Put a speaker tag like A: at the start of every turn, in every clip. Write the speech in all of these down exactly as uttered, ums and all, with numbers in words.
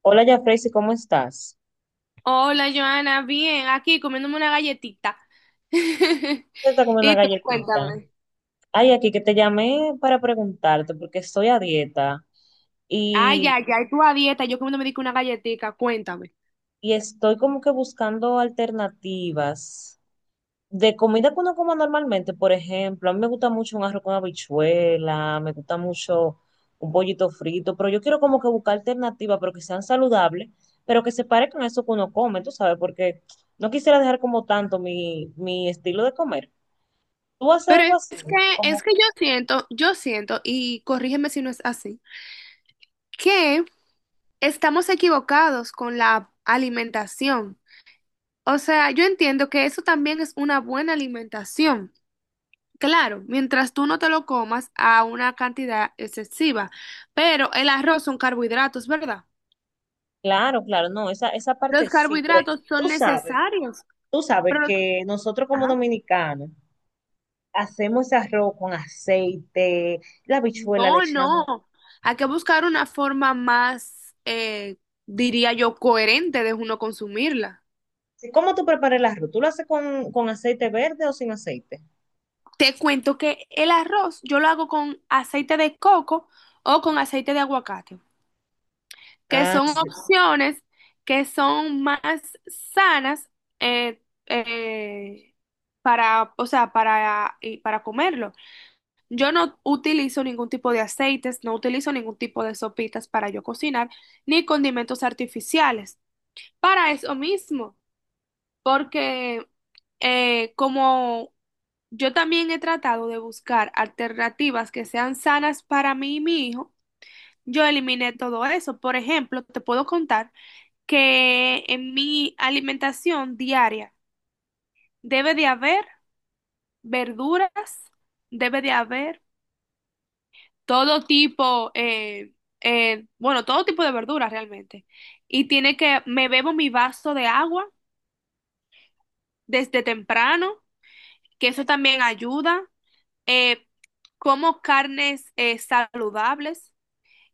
A: Hola, Jafrey, ¿cómo estás?
B: Hola, Joana, bien, aquí comiéndome una galletita.
A: Te está comiendo una
B: Y tú,
A: galletita.
B: cuéntame.
A: Ay, aquí que te llamé para preguntarte porque estoy a dieta
B: Ay,
A: y,
B: ay, ay, tú a dieta, yo comiéndome digo una galletita, cuéntame.
A: y estoy como que buscando alternativas de comida que uno coma normalmente. Por ejemplo, a mí me gusta mucho un arroz con habichuela, me gusta mucho un pollito frito, pero yo quiero como que buscar alternativas, pero que sean saludables, pero que se parezcan a eso que uno come, tú sabes, porque no quisiera dejar como tanto mi, mi estilo de comer. ¿Tú haces
B: Pero
A: algo
B: es
A: así?
B: que, es
A: Como
B: que yo siento, yo siento, y corrígeme si no es así, que estamos equivocados con la alimentación. O sea, yo entiendo que eso también es una buena alimentación. Claro, mientras tú no te lo comas a una cantidad excesiva, pero el arroz son carbohidratos, ¿verdad?
A: Claro, claro, no, esa, esa parte
B: Los
A: sí, pero
B: carbohidratos son
A: tú sabes,
B: necesarios,
A: tú sabes
B: pero los-
A: que nosotros como
B: ajá.
A: dominicanos hacemos ese arroz con aceite, la habichuela le
B: No,
A: echamos.
B: no. Hay que buscar una forma más, eh, diría yo, coherente de uno consumirla.
A: Sí, ¿cómo tú preparas el arroz? ¿Tú lo haces con, con aceite verde o sin aceite?
B: Te cuento que el arroz yo lo hago con aceite de coco o con aceite de aguacate, que
A: Ah,
B: son
A: sí,
B: opciones que son más sanas eh, eh, para, o sea, para, y para comerlo. Yo no utilizo ningún tipo de aceites, no utilizo ningún tipo de sopitas para yo cocinar, ni condimentos artificiales. Para eso mismo, porque eh, como yo también he tratado de buscar alternativas que sean sanas para mí y mi hijo, yo eliminé todo eso. Por ejemplo, te puedo contar que en mi alimentación diaria debe de haber verduras, debe de haber todo tipo, eh, eh, bueno, todo tipo de verduras realmente. Y tiene que, me bebo mi vaso de agua desde temprano, que eso también ayuda. Eh, Como carnes eh, saludables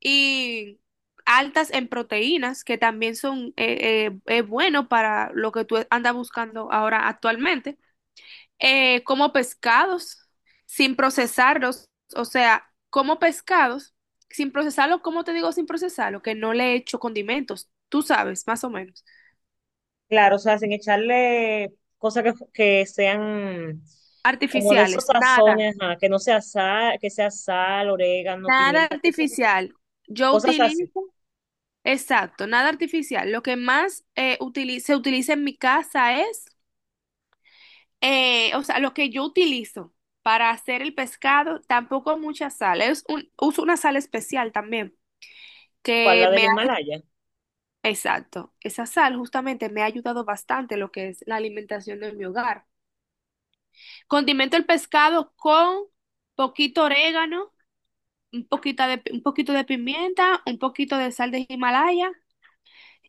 B: y altas en proteínas, que también son eh, eh, eh, bueno para lo que tú andas buscando ahora actualmente. Eh, como pescados, sin procesarlos, o sea, como pescados, sin procesarlo, ¿cómo te digo sin procesarlo? Que no le echo condimentos, tú sabes, más o menos.
A: claro, o sea, sin echarle cosas que, que sean como de esos
B: Artificiales, nada,
A: sazones, ajá, que no sea sal, que sea sal, orégano,
B: nada
A: pimienta, cosas,
B: artificial. Yo
A: cosas así.
B: utilizo, exacto, nada artificial. Lo que más eh, utili- se utiliza en mi casa es, eh, o sea, lo que yo utilizo para hacer el pescado, tampoco mucha sal, es un, uso una sal especial también
A: ¿Cuál,
B: que
A: la del
B: me...
A: Himalaya?
B: Exacto. Esa sal justamente me ha ayudado bastante lo que es la alimentación de mi hogar. Condimento el pescado con poquito orégano, un poquito de, un poquito de pimienta, un poquito de sal de Himalaya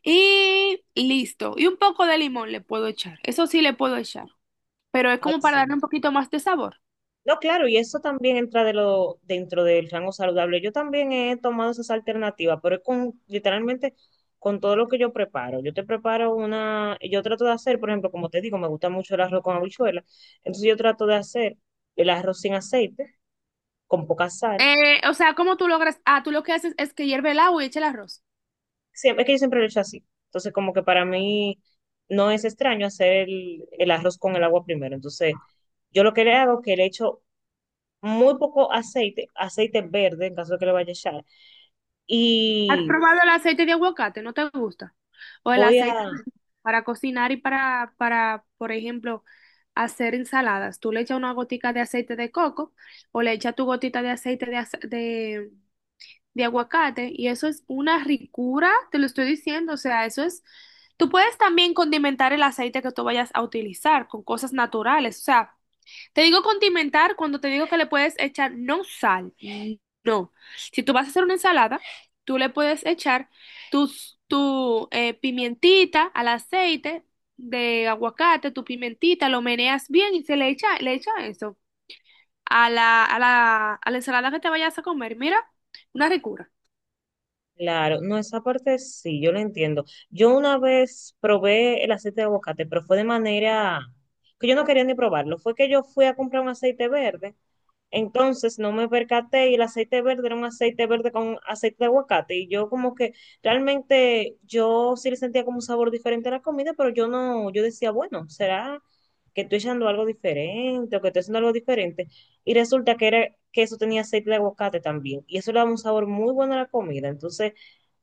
B: y listo. Y un poco de limón le puedo echar. Eso sí le puedo echar, pero es
A: Ay,
B: como para
A: sí.
B: darle un poquito más de sabor.
A: No, claro, y eso también entra de lo, dentro del rango saludable. Yo también he tomado esas alternativas, pero es con, literalmente con todo lo que yo preparo. Yo te preparo una, yo trato de hacer, por ejemplo, como te digo, me gusta mucho el arroz con habichuela. Entonces yo trato de hacer el arroz sin aceite, con poca sal.
B: Eh, o sea, ¿cómo tú logras? Ah, tú lo que haces es que hierve el agua y echa el arroz.
A: Siempre, es que yo siempre lo he hecho así. Entonces como que para mí no es extraño hacer el, el arroz con el agua primero. Entonces yo lo que le hago es que le echo muy poco aceite, aceite verde en caso de que le vaya a echar.
B: ¿Has
A: Y
B: probado el aceite de aguacate? ¿No te gusta? O el
A: voy
B: aceite
A: a,
B: para cocinar y para, para, por ejemplo, hacer ensaladas. Tú le echas una gotica de aceite de coco o le echas tu gotita de aceite de, ace- de, de aguacate y eso es una ricura, te lo estoy diciendo. O sea, eso es... Tú puedes también condimentar el aceite que tú vayas a utilizar con cosas naturales. O sea, te digo condimentar cuando te digo que le puedes echar no sal, no. Si tú vas a hacer una ensalada, tú le puedes echar tus, tu eh, pimientita al aceite de aguacate, tu pimentita, lo meneas bien y se le echa, le echa eso a la, a la, a la ensalada que te vayas a comer. Mira, una ricura.
A: claro, no, esa parte sí, yo lo entiendo. Yo una vez probé el aceite de aguacate, pero fue de manera que yo no quería ni probarlo. Fue que yo fui a comprar un aceite verde. Entonces no me percaté y el aceite verde era un aceite verde con aceite de aguacate y yo como que realmente yo sí le sentía como un sabor diferente a la comida, pero yo no, yo decía, bueno, ¿será que estoy echando algo diferente o que estoy haciendo algo diferente? Y resulta que era que eso tenía aceite de aguacate también y eso le daba un sabor muy bueno a la comida. Entonces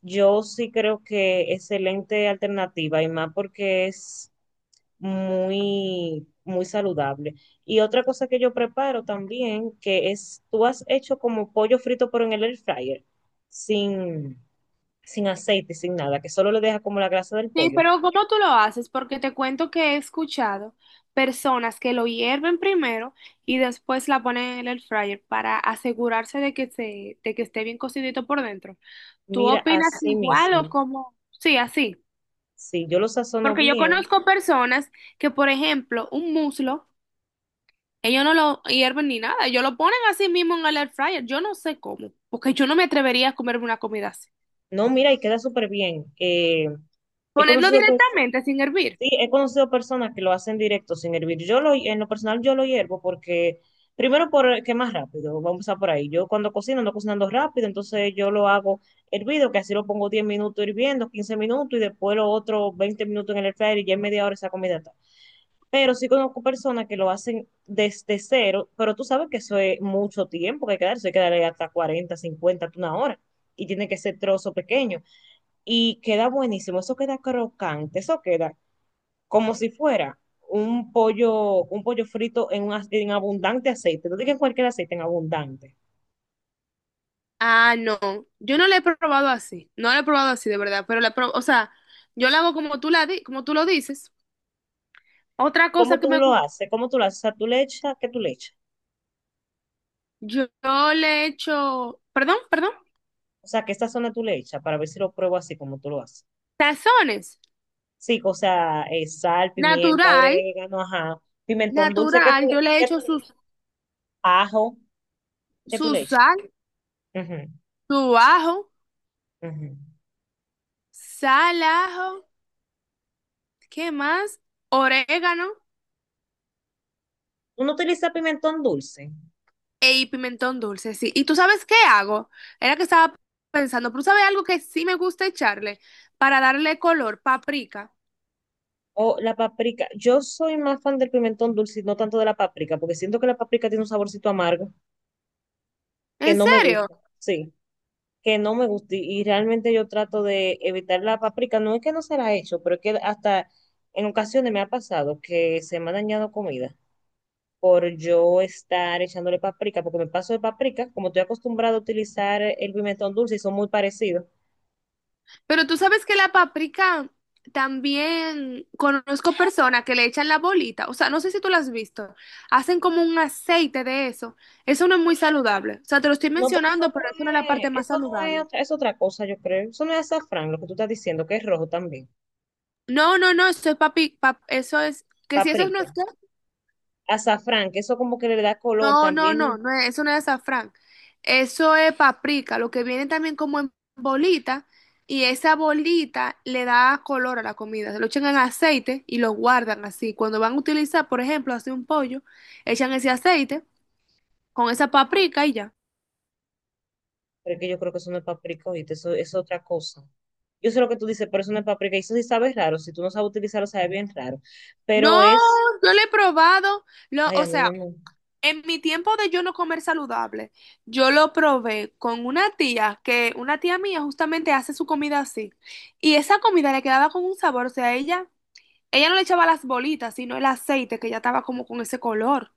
A: yo sí creo que excelente alternativa y más porque es muy, muy saludable. Y otra cosa que yo preparo también, que es, tú has hecho como pollo frito, pero en el air fryer, sin, sin aceite, sin nada, que solo le deja como la grasa del
B: Sí,
A: pollo.
B: pero ¿cómo tú lo haces? Porque te cuento que he escuchado personas que lo hierven primero y después la ponen en el air fryer para asegurarse de que se, de que esté bien cocidito por dentro. ¿Tú
A: Mira,
B: opinas
A: así
B: igual o
A: mismo,
B: cómo? Sí, así.
A: si yo lo sazono
B: Porque yo
A: bien,
B: conozco personas que, por ejemplo, un muslo, ellos no lo hierven ni nada, ellos lo ponen así mismo en el air fryer. Yo no sé cómo, porque yo no me atrevería a comerme una comida así.
A: no, mira, y queda súper bien. Eh, he
B: Ponerlo
A: conocido, pues
B: directamente sin hervir.
A: sí, he conocido personas que lo hacen directo sin hervir. Yo lo, en lo personal yo lo hiervo porque, primero porque es más rápido, vamos a empezar por ahí. Yo cuando cocino ando cocinando rápido, entonces yo lo hago hervido, que así lo pongo diez minutos hirviendo, quince minutos y después lo otro veinte minutos en el air fryer y ya en media hora esa comida está. Pero sí conozco personas que lo hacen desde cero, pero tú sabes que eso es mucho tiempo que hay que darse, hay que darle hasta cuarenta, cincuenta, hasta una hora. Y tiene que ser trozo pequeño. Y queda buenísimo, eso queda crocante, eso queda como si fuera un pollo, un pollo frito en, un, ac- en abundante aceite. No digas cualquier aceite, en abundante.
B: Ah, no, yo no la he probado así, no la he probado así de verdad, pero la pro- o sea, yo la hago como tú la di- como tú lo dices. Otra cosa
A: ¿Cómo
B: que
A: tú
B: me
A: lo
B: gusta,
A: haces? ¿Cómo tú lo haces? O sea, tú le echas, ¿qué tú le echas?
B: yo, yo le echo, perdón, perdón,
A: O sea, ¿qué sazón tú le echas? Para ver si lo pruebo así como tú lo haces.
B: tazones,
A: Sí, o sea, eh, sal, pimienta,
B: natural,
A: orégano, ajá. Pimentón dulce, ¿qué tú,
B: natural,
A: le-
B: yo le
A: qué tú
B: echo
A: le
B: su,
A: echas? Ajo, ¿qué tú
B: su
A: le echas?
B: sal,
A: Ujú,
B: su ajo,
A: ujú.
B: sal, ajo, ¿qué más? Orégano
A: ¿Uno utiliza pimentón dulce?
B: e y pimentón dulce, sí. ¿Y tú sabes qué hago? Era que estaba pensando, pero ¿tú sabes algo que sí me gusta echarle para darle color? Paprika.
A: O la paprika. Yo soy más fan del pimentón dulce y no tanto de la paprika, porque siento que la paprika tiene un saborcito amargo que
B: ¿En
A: no me
B: serio?
A: gusta, sí, que no me gusta. Y y realmente yo trato de evitar la paprika. No es que no se la he hecho, pero es que hasta en ocasiones me ha pasado que se me ha dañado comida por yo estar echándole paprika, porque me paso de paprika, como estoy acostumbrado a utilizar el pimentón dulce y son muy parecidos.
B: Pero tú sabes que la paprika también conozco personas que le echan la bolita. O sea, no sé si tú la has visto. Hacen como un aceite de eso. Eso no es muy saludable. O sea, te lo estoy
A: No, pero eso
B: mencionando,
A: no
B: pero eso no es la
A: es,
B: parte más
A: eso no es,
B: saludable.
A: otra- es otra cosa, yo creo. Eso no es azafrán, lo que tú estás diciendo, que es rojo también.
B: No, no, no, eso es papi, pap- eso es, que si eso no
A: Paprika.
B: es...
A: Azafrán, que eso como que le da color
B: No, no, no,
A: también.
B: no es- eso no es azafrán. Eso es paprika, lo que viene también como en bolita y esa bolita le da color a la comida. Se lo echan en aceite y lo guardan así. Cuando van a utilizar, por ejemplo, hacer un pollo, echan ese aceite con esa paprika y ya.
A: Pero es que yo creo que eso no es paprika, ¿oíste? Eso es otra cosa. Yo sé lo que tú dices, pero eso no es paprika. Y eso sí sabe raro. Si tú no sabes utilizarlo, sabe bien raro.
B: No,
A: Pero es.
B: yo lo he probado. Lo,
A: Ay,
B: o
A: a mí no
B: sea,
A: me.
B: en mi tiempo de yo no comer saludable, yo lo probé con una tía que una tía mía justamente hace su comida así. Y esa comida le quedaba con un sabor, o sea, ella ella no le echaba las bolitas, sino el aceite que ya estaba como con ese color.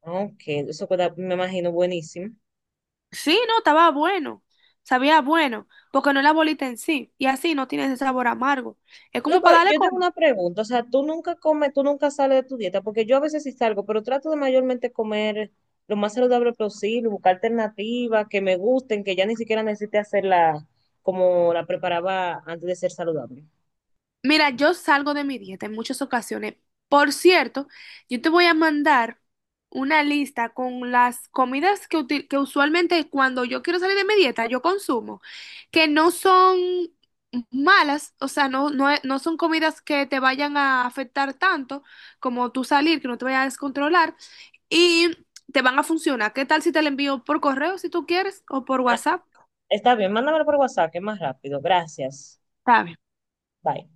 A: Ok, eso queda, me imagino, buenísimo.
B: Sí, no, estaba bueno. Sabía bueno, porque no es la bolita en sí. Y así no tiene ese sabor amargo. Es
A: No,
B: como
A: pero
B: para darle
A: yo tengo
B: color.
A: una pregunta. O sea, tú nunca comes, tú nunca sales de tu dieta, porque yo a veces sí salgo, pero trato de mayormente comer lo más saludable posible, buscar alternativas que me gusten, que ya ni siquiera necesite hacerla como la preparaba antes de ser saludable.
B: Mira, yo salgo de mi dieta en muchas ocasiones. Por cierto, yo te voy a mandar una lista con las comidas que, util- que usualmente cuando yo quiero salir de mi dieta, yo consumo, que no son malas, o sea, no, no, e- no son comidas que te vayan a afectar tanto como tú salir, que no te vayas a descontrolar y te van a funcionar. ¿Qué tal si te la envío por correo si tú quieres o por
A: Ah,
B: WhatsApp?
A: está bien, mándamelo por WhatsApp, que es más rápido. Gracias.
B: Está bien.
A: Bye.